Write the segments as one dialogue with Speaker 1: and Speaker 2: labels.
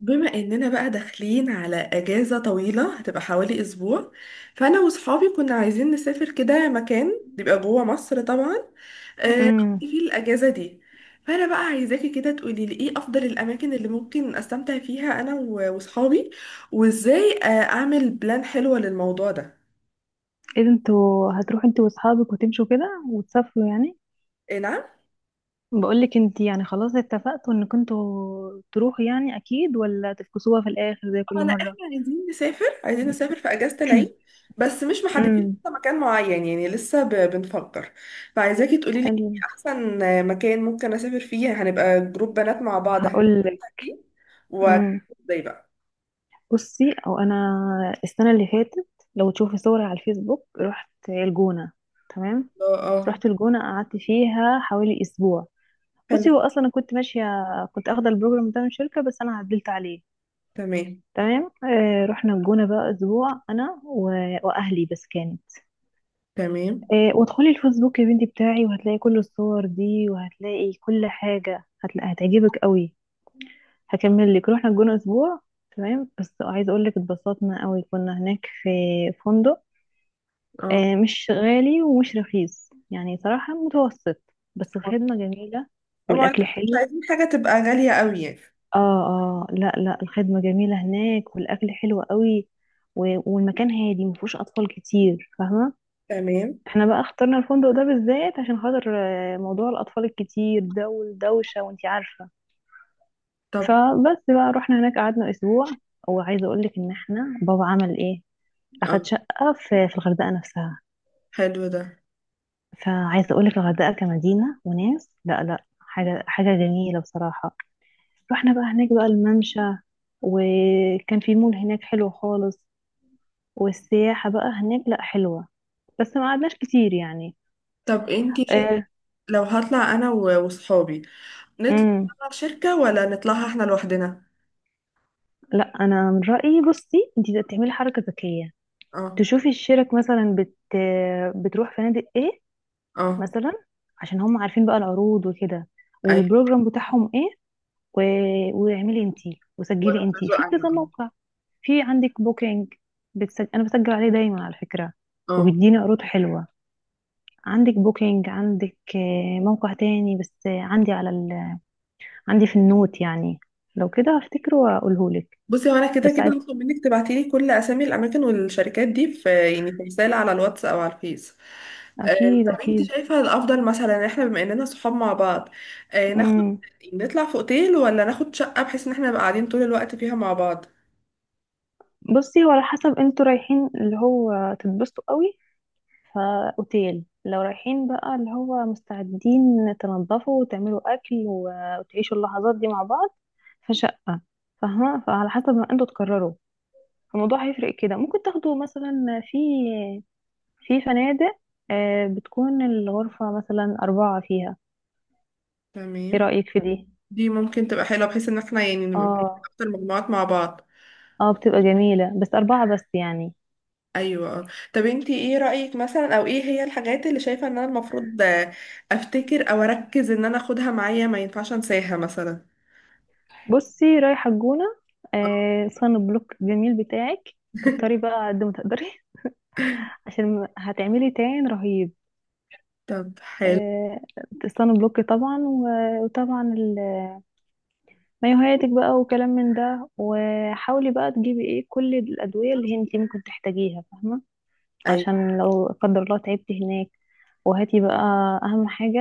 Speaker 1: بما اننا بقى داخلين على اجازة طويلة هتبقى حوالي اسبوع. فانا وصحابي كنا عايزين نسافر كده مكان يبقى جوه مصر طبعا،
Speaker 2: امم
Speaker 1: نقضي فيه الاجازة دي. فانا بقى عايزاكي كده تقولي لي ايه افضل الاماكن اللي ممكن استمتع فيها انا وصحابي، وازاي اعمل بلان حلوة للموضوع ده.
Speaker 2: ايه ده، انتوا هتروحوا انتوا واصحابك وتمشوا كده وتسافروا يعني؟
Speaker 1: إيه نعم.
Speaker 2: بقولك انت، يعني خلاص اتفقتوا انكم انتوا تروحوا يعني اكيد، ولا تفكسوها في الاخر زي
Speaker 1: اه
Speaker 2: كل
Speaker 1: لا
Speaker 2: مره؟
Speaker 1: احنا عايزين نسافر عايزين نسافر في اجازة العيد، بس مش محددين
Speaker 2: امم
Speaker 1: لسه مكان معين، يعني لسه بنفكر. فعايزاكي تقولي لي ايه
Speaker 2: حلو،
Speaker 1: احسن مكان ممكن اسافر فيه، هنبقى جروب بنات مع بعض، هنبقى
Speaker 2: هقولك.
Speaker 1: فيه. و
Speaker 2: امم
Speaker 1: ازاي بقى.
Speaker 2: بصي، انا السنه اللي فاتت، لو تشوفي صوري على الفيسبوك رحت الجونه، تمام.
Speaker 1: اه اه.
Speaker 2: رحت الجونه قعدت فيها حوالي اسبوع. بصي،
Speaker 1: حلو.
Speaker 2: هو اصلا انا كنت ماشيه، كنت اخده البروجرام ده من شركه بس انا عدلت عليه.
Speaker 1: تمام
Speaker 2: تمام، آه، رحنا الجونة بقى أسبوع أنا وأهلي، بس كانت...
Speaker 1: تمام.
Speaker 2: آه، وادخلي الفيسبوك يا بنتي بتاعي وهتلاقي كل الصور دي، وهتلاقي كل حاجة، هتلاقي هتعجبك قوي. هكمل لك، رحنا الجونة أسبوع، تمام، بس عايزة أقول لك اتبسطنا قوي، كنا هناك في فندق،
Speaker 1: اه
Speaker 2: آه، مش غالي ومش رخيص، يعني صراحة متوسط، بس الخدمة جميلة
Speaker 1: طبعا احنا
Speaker 2: والأكل
Speaker 1: مش
Speaker 2: حلو.
Speaker 1: عايزين حاجة تبقى غالية قوي يعني.
Speaker 2: اه اه، لا لا، الخدمة جميلة هناك والأكل حلو قوي، والمكان هادي مفهوش أطفال كتير، فاهمة.
Speaker 1: تمام.
Speaker 2: احنا بقى اخترنا الفندق ده بالذات عشان خاطر موضوع الأطفال الكتير ده، والدوشة، وانتي عارفة.
Speaker 1: طب
Speaker 2: فبس بقى رحنا هناك قعدنا أسبوع، وعايزة أقولك إن احنا بابا عمل إيه،
Speaker 1: اه
Speaker 2: أخد شقة في الغردقة نفسها.
Speaker 1: حلو ده.
Speaker 2: فعايزة أقولك الغردقة كمدينة وناس، لا لا، حاجة حاجة جميلة بصراحة. رحنا بقى هناك بقى الممشى، وكان في مول هناك حلو خالص، والسياحة بقى هناك لا حلوة، بس ما قعدناش كتير يعني.
Speaker 1: طب انتي شايفة،
Speaker 2: آه.
Speaker 1: لو هطلع انا وصحابي نطلع
Speaker 2: امم
Speaker 1: شركة ولا نطلعها احنا لوحدنا.
Speaker 2: لا، انا من رأيي بصي انت تعملي حركة ذكية،
Speaker 1: اه
Speaker 2: تشوفي الشرك مثلا بتروح فنادق ايه
Speaker 1: اه
Speaker 2: مثلا، عشان هم عارفين بقى العروض وكده،
Speaker 1: ايوه.
Speaker 2: والبروجرام بتاعهم ايه، و... واعملي انتي وسجلي
Speaker 1: وانا
Speaker 2: انتي
Speaker 1: برضو
Speaker 2: في
Speaker 1: انا.
Speaker 2: كذا موقع. في عندك بوكينج، انا بسجل عليه دايما على فكرة،
Speaker 1: اه.
Speaker 2: وبيديني عروض حلوة. عندك بوكينج، عندك موقع تاني بس، عندي في النوت يعني، لو كده هفتكره واقوله لك.
Speaker 1: بصي هو انا كده
Speaker 2: بس
Speaker 1: كده
Speaker 2: عايز
Speaker 1: هطلب منك تبعتي لي كل اسامي الاماكن والشركات دي، في يعني في رساله على الواتس او على الفيس. آه
Speaker 2: اكيد
Speaker 1: طب انت
Speaker 2: اكيد.
Speaker 1: شايفه الافضل مثلا إن احنا بما اننا صحاب مع بعض ناخد،
Speaker 2: امم
Speaker 1: يعني نطلع في اوتيل ولا ناخد شقه بحيث ان احنا نبقى قاعدين طول الوقت فيها مع بعض.
Speaker 2: بصي، هو على حسب انتوا رايحين اللي هو تتبسطوا قوي، فاوتيل، لو رايحين بقى اللي هو مستعدين تنضفوا وتعملوا اكل وتعيشوا اللحظات دي مع بعض، فشقة. فاهمة. فعلى حسب ما انتوا تقرروا الموضوع هيفرق كده. ممكن تاخدوا مثلا في فنادق، بتكون الغرفة مثلا أربعة فيها، ايه
Speaker 1: تمام.
Speaker 2: رأيك في دي؟
Speaker 1: دي ممكن تبقى حلوه بحيث ان احنا يعني نبقى
Speaker 2: اه
Speaker 1: اكتر مجموعات مع بعض.
Speaker 2: اه، بتبقى جميلة بس أربعة بس يعني.
Speaker 1: ايوه آه. طب انتي ايه رأيك، مثلا او ايه هي الحاجات اللي شايفة ان انا المفروض افتكر او اركز ان انا اخدها معايا ما ينفعش انساها مثلا.
Speaker 2: بصي، رايحة الجونة،
Speaker 1: آه.
Speaker 2: آه صن بلوك جميل بتاعك كتري بقى قد ما تقدري، عشان هتعملي تان رهيب.
Speaker 1: طب حلو.
Speaker 2: آه، صن بلوك طبعا، مايوهاتك بقى وكلام من ده، وحاولي بقى تجيبي ايه كل الأدوية اللي انتي ممكن تحتاجيها، فاهمة.
Speaker 1: ايوه
Speaker 2: عشان لو لا قدر الله تعبتي هناك. وهاتي بقى أهم حاجة،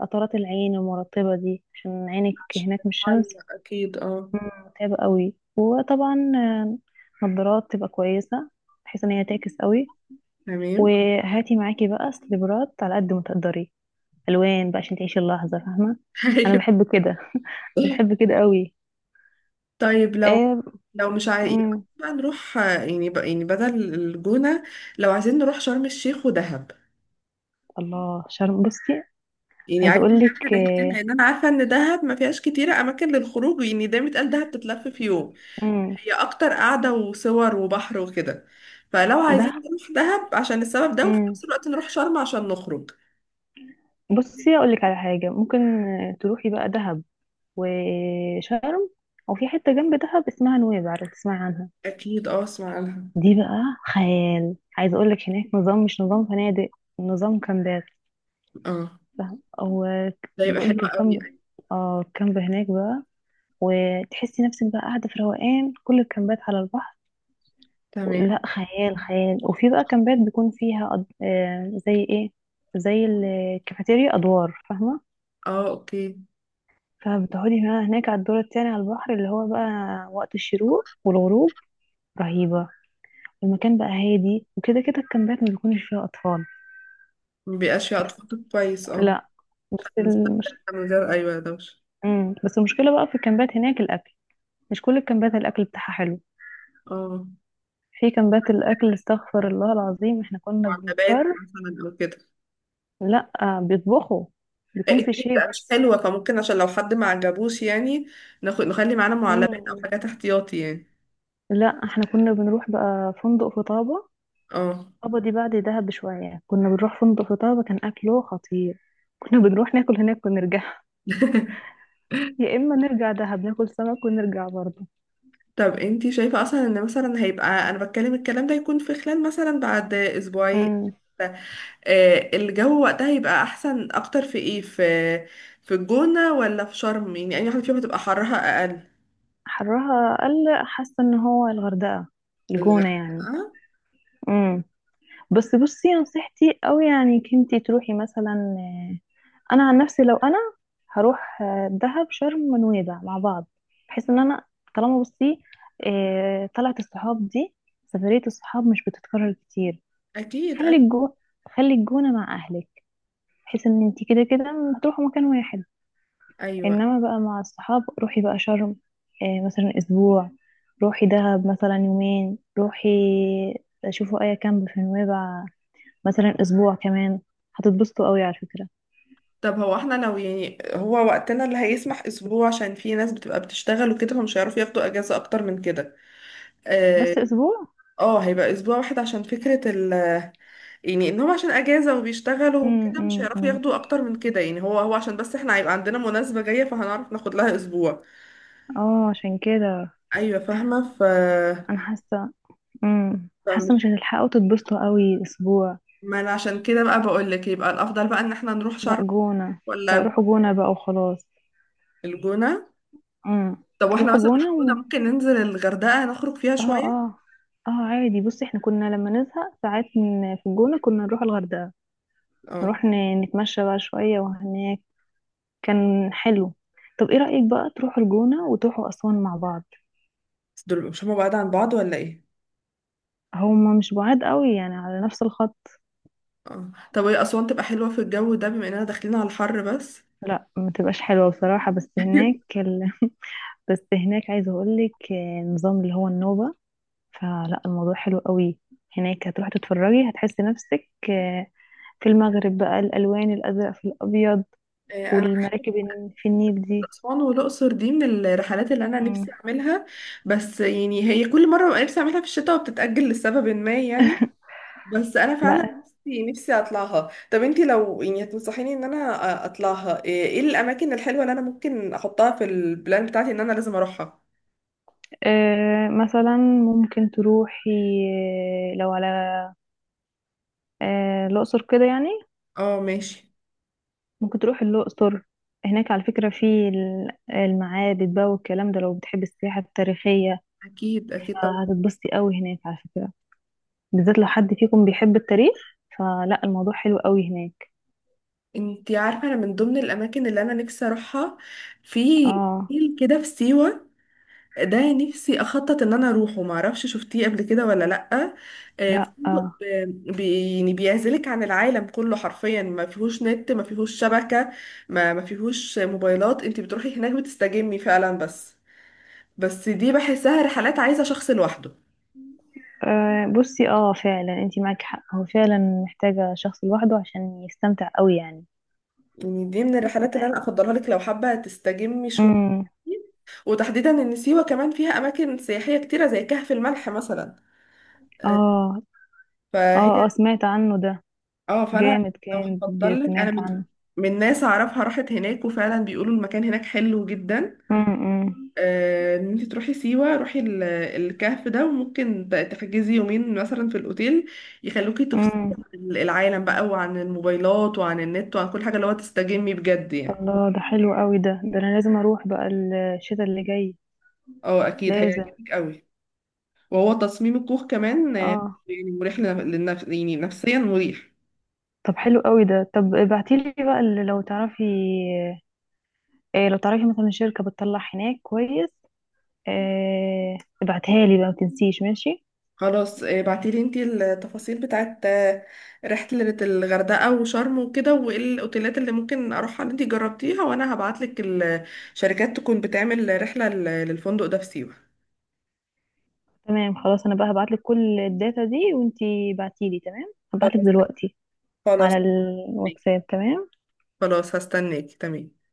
Speaker 2: قطرات العين المرطبة دي عشان عينك
Speaker 1: عشان
Speaker 2: هناك من الشمس
Speaker 1: المية اكيد اه.
Speaker 2: متعب قوي، وطبعا، نظارات تبقى كويسة بحيث ان هي تعكس قوي.
Speaker 1: تمام.
Speaker 2: وهاتي معاكي بقى سليبرات على قد ما تقدري، الوان بقى عشان تعيشي اللحظة، فاهمة. انا
Speaker 1: ايوه.
Speaker 2: بحب كده، بحب كده قوي.
Speaker 1: طيب لو
Speaker 2: إيه.
Speaker 1: مش عايز
Speaker 2: مم.
Speaker 1: بقى نروح يعني بقى يعني بدل الجونة، لو عايزين نروح شرم الشيخ ودهب.
Speaker 2: الله شرم، بصي،
Speaker 1: يعني
Speaker 2: عايزة
Speaker 1: عايزة
Speaker 2: اقولك
Speaker 1: نعمل رحلتين،
Speaker 2: إيه.
Speaker 1: لان انا عارفة ان دهب ما فيهاش كتير اماكن للخروج، يعني دايما اتقال دهب تتلف في يوم،
Speaker 2: مم.
Speaker 1: هي اكتر قعده وصور وبحر وكده. فلو عايزين
Speaker 2: دهب.
Speaker 1: نروح دهب عشان السبب ده، وفي
Speaker 2: مم.
Speaker 1: نفس الوقت نروح شرم عشان نخرج.
Speaker 2: بصي اقولك على حاجة ممكن، تروحي بقى دهب وشرم، وفي حتة جنب دهب اسمها نويبع، عارفة تسمعي عنها.
Speaker 1: اكيد اه اسمع عنها.
Speaker 2: دي بقى خيال، عايزه اقول لك هناك نظام، مش نظام فنادق، نظام كامبات،
Speaker 1: اه
Speaker 2: فاهم. او
Speaker 1: ده يبقى
Speaker 2: بقول
Speaker 1: حلو
Speaker 2: لك
Speaker 1: قوي.
Speaker 2: الكامب، اه الكامب هناك بقى، وتحسي نفسك بقى قاعده في روقان. كل الكامبات على البحر،
Speaker 1: تمام
Speaker 2: لا خيال خيال. وفي بقى كامبات بيكون فيها أد... آه زي ايه، زي الكافيتيريا ادوار، فاهمه.
Speaker 1: اه اوكي.
Speaker 2: فبتقعدي بقى هناك على الدور التاني على البحر، اللي هو بقى وقت الشروق والغروب رهيبه. المكان بقى هادي، وكده كده الكامبات ما بيكونش فيها اطفال.
Speaker 1: مبيبقاش فيها
Speaker 2: بس
Speaker 1: اطفال، كويس اه.
Speaker 2: لا، بس
Speaker 1: نستمتع
Speaker 2: المش...
Speaker 1: من غير ايوه دوشه.
Speaker 2: مم. بس المشكلة بقى في الكامبات هناك الأكل، مش كل الكامبات الأكل بتاعها حلو.
Speaker 1: اه
Speaker 2: في كامبات الأكل استغفر الله العظيم، احنا كنا بنضطر.
Speaker 1: معلبات مثلا او كده.
Speaker 2: لا، بيطبخوا، بيكون في
Speaker 1: التريك
Speaker 2: شيف.
Speaker 1: بقى مش حلوه، فممكن عشان لو حد ما عجبوش يعني، ناخد نخلي معانا معلبات او
Speaker 2: مم.
Speaker 1: حاجات احتياطي يعني.
Speaker 2: لا، احنا كنا بنروح بقى فندق في طابة.
Speaker 1: اه.
Speaker 2: طابة دي بعد دهب بشوية، كنا بنروح فندق في طابة كان أكله خطير، كنا بنروح ناكل هناك ونرجع. يا إما نرجع دهب ناكل سمك ونرجع برضه.
Speaker 1: طب انتي شايفة اصلا، ان مثلا هيبقى انا بتكلم الكلام ده يكون في خلال مثلا بعد اسبوعين،
Speaker 2: مم.
Speaker 1: الجو وقتها يبقى احسن اكتر في ايه، في الجونة ولا في شرم، يعني اي واحدة فيهم هتبقى حرها اقل.
Speaker 2: حرها أقل، حاسة إن هو الغردقة، الجونة يعني.
Speaker 1: الغردقة.
Speaker 2: مم. بس بصي نصيحتي أوي يعني إنك انتي تروحي مثلا، آه، أنا عن نفسي لو أنا هروح دهب شرم ونويبع مع بعض، بحيث إن أنا طالما بصي طلعت الصحاب دي، سفرية الصحاب مش بتتكرر كتير.
Speaker 1: اكيد
Speaker 2: خلي الجو، خلي الجونة مع أهلك بحيث إن انتي كده كده هتروحوا مكان واحد،
Speaker 1: ايوه.
Speaker 2: إنما بقى مع الصحاب روحي بقى شرم مثلا أسبوع، روحي دهب مثلا يومين، روحي شوفوا أي كامب في نويبع مثلا اسبوع كمان، هتتبسطوا قوي على فكرة.
Speaker 1: طب هو احنا لو، يعني هو وقتنا اللي هيسمح اسبوع، عشان في ناس بتبقى بتشتغل وكده فمش هيعرفوا ياخدوا اجازة اكتر من كده، آه،
Speaker 2: بس اسبوع.
Speaker 1: اه هيبقى اسبوع واحد، عشان فكرة يعني انهم عشان اجازة وبيشتغلوا وكده مش هيعرفوا
Speaker 2: أمم.
Speaker 1: ياخدوا اكتر من كده، يعني هو عشان بس احنا هيبقى عندنا مناسبة جاية فهنعرف ناخد لها اسبوع.
Speaker 2: اه، عشان كده
Speaker 1: ايوه فاهمة.
Speaker 2: انا حاسة،
Speaker 1: فمش،
Speaker 2: حاسة مش هتلحقوا تتبسطوا قوي اسبوع.
Speaker 1: ما انا عشان كده بقى بقول لك، يبقى الافضل بقى ان احنا نروح
Speaker 2: لا
Speaker 1: شرم
Speaker 2: جونة، لا،
Speaker 1: ولا
Speaker 2: روحوا جونة بقى وخلاص.
Speaker 1: الجونة.
Speaker 2: امم
Speaker 1: طب واحنا
Speaker 2: روحوا
Speaker 1: مثلا من
Speaker 2: جونة
Speaker 1: الجونة ممكن ننزل الغردقة نخرج فيها
Speaker 2: اه
Speaker 1: شوية.
Speaker 2: اه، اه عادي بصي، احنا كنا لما نزهق ساعات في الجونة كنا نروح الغردقة،
Speaker 1: اه.
Speaker 2: نروح نتمشى بقى شوية، وهناك كان حلو. طب ايه رأيك بقى تروحوا الجونة وتروحوا أسوان مع بعض؟
Speaker 1: بس دول مش هما بعاد عن بعض ولا ايه.
Speaker 2: هما مش بعاد قوي يعني، على نفس الخط.
Speaker 1: اه طب هي اسوان تبقى حلوة في الجو ده بما اننا داخلين على الحر، بس
Speaker 2: لا ما تبقاش حلوة بصراحة، بس هناك بس هناك عايزة اقولك نظام اللي هو النوبة، فلا الموضوع حلو قوي هناك. هتروحي تتفرجي، هتحسي نفسك في المغرب بقى، الألوان الأزرق في الأبيض،
Speaker 1: انا،
Speaker 2: والمراكب في النيل دي.
Speaker 1: أسوان والأقصر دي من الرحلات اللي أنا
Speaker 2: مم.
Speaker 1: نفسي أعملها، بس يعني هي كل مرة ببقى نفسي أعملها في الشتاء وبتتأجل لسبب ما يعني. بس أنا فعلا
Speaker 2: لا،
Speaker 1: نفسي نفسي أطلعها. طب أنتي لو يعني تنصحيني إن أنا أطلعها، إيه إيه الأماكن الحلوة اللي أنا ممكن أحطها في البلان بتاعتي إن أنا لازم أروحها.
Speaker 2: آه، مثلا ممكن تروحي آه، لو على آه، الأقصر كده يعني،
Speaker 1: اه ماشي.
Speaker 2: ممكن تروحي الأقصر. هناك على فكرة في المعابد بقى والكلام ده، لو بتحبي السياحة التاريخية
Speaker 1: أكيد أكيد طبعا.
Speaker 2: هتتبسطي قوي هناك على فكرة، بالذات لو حد فيكم بيحب التاريخ، فلا الموضوع حلو قوي هناك.
Speaker 1: أنتي عارفة، أنا من ضمن الأماكن اللي أنا نفسي أروحها، في
Speaker 2: اه.
Speaker 1: فيل كده في سيوة، ده نفسي اخطط ان انا اروحه، ما اعرفش شفتيه قبل كده ولا لا.
Speaker 2: لا. آه.
Speaker 1: فندق يعني بيعزلك عن العالم كله حرفيا، ما فيهوش نت، ما فيهوش شبكة، ما فيهوش موبايلات، انت بتروحي هناك بتستجمي فعلا، بس بس دي بحسها رحلات عايزة شخص لوحده.
Speaker 2: آه، بصي، اه فعلا انتي معاكي حق، هو فعلا محتاجة شخص لوحده عشان يستمتع قوي يعني.
Speaker 1: يعني دي من الرحلات اللي انا افضلها لك لو حابة تستجمي شوية،
Speaker 2: امم
Speaker 1: وتحديدا ان سيوة كمان فيها اماكن سياحية كتيرة زي كهف الملح مثلا، آه،
Speaker 2: اه اه.
Speaker 1: فهي
Speaker 2: اه سمعت عنه ده،
Speaker 1: اه. فانا
Speaker 2: جامد
Speaker 1: لو
Speaker 2: كان
Speaker 1: هفضل لك، انا
Speaker 2: سمعت
Speaker 1: من
Speaker 2: عنه.
Speaker 1: ناس اعرفها راحت هناك وفعلا بيقولوا المكان هناك حلو جدا،
Speaker 2: امم
Speaker 1: ان انت تروحي سيوة روحي الكهف ده، وممكن تحجزي يومين مثلا في الاوتيل، يخلوكي تفصلي
Speaker 2: امم
Speaker 1: عن العالم بقى وعن الموبايلات وعن النت وعن كل حاجة، اللي هو تستجمي بجد يعني.
Speaker 2: الله، ده حلو قوي، ده انا لازم اروح بقى الشتاء اللي جاي،
Speaker 1: اه اكيد
Speaker 2: لازم.
Speaker 1: هيعجبك قوي. وهو تصميم الكوخ كمان
Speaker 2: اه
Speaker 1: يعني مريح للنفس، يعني نفسيا مريح.
Speaker 2: طب حلو قوي ده، طب ابعتيلي بقى اللي لو تعرفي إيه، لو تعرفي مثلا شركة بتطلع هناك كويس إيه، ابعتها لي بقى ما تنسيش، ماشي.
Speaker 1: خلاص ابعتي لي انتي التفاصيل بتاعت رحلة الغردقة وشرم وكده، وايه الاوتيلات اللي ممكن اروحها اللي انتي جربتيها، وانا هبعتلك الشركات تكون بتعمل رحلة للفندق ده في سيوة.
Speaker 2: تمام خلاص، انا بقى هبعتلك كل الداتا دي وانتي بعتيلي، تمام، هبعتلك
Speaker 1: خلاص.
Speaker 2: دلوقتي
Speaker 1: خلاص
Speaker 2: على
Speaker 1: هستناكي.
Speaker 2: الواتساب، تمام.
Speaker 1: خلاص هستناكي تمام.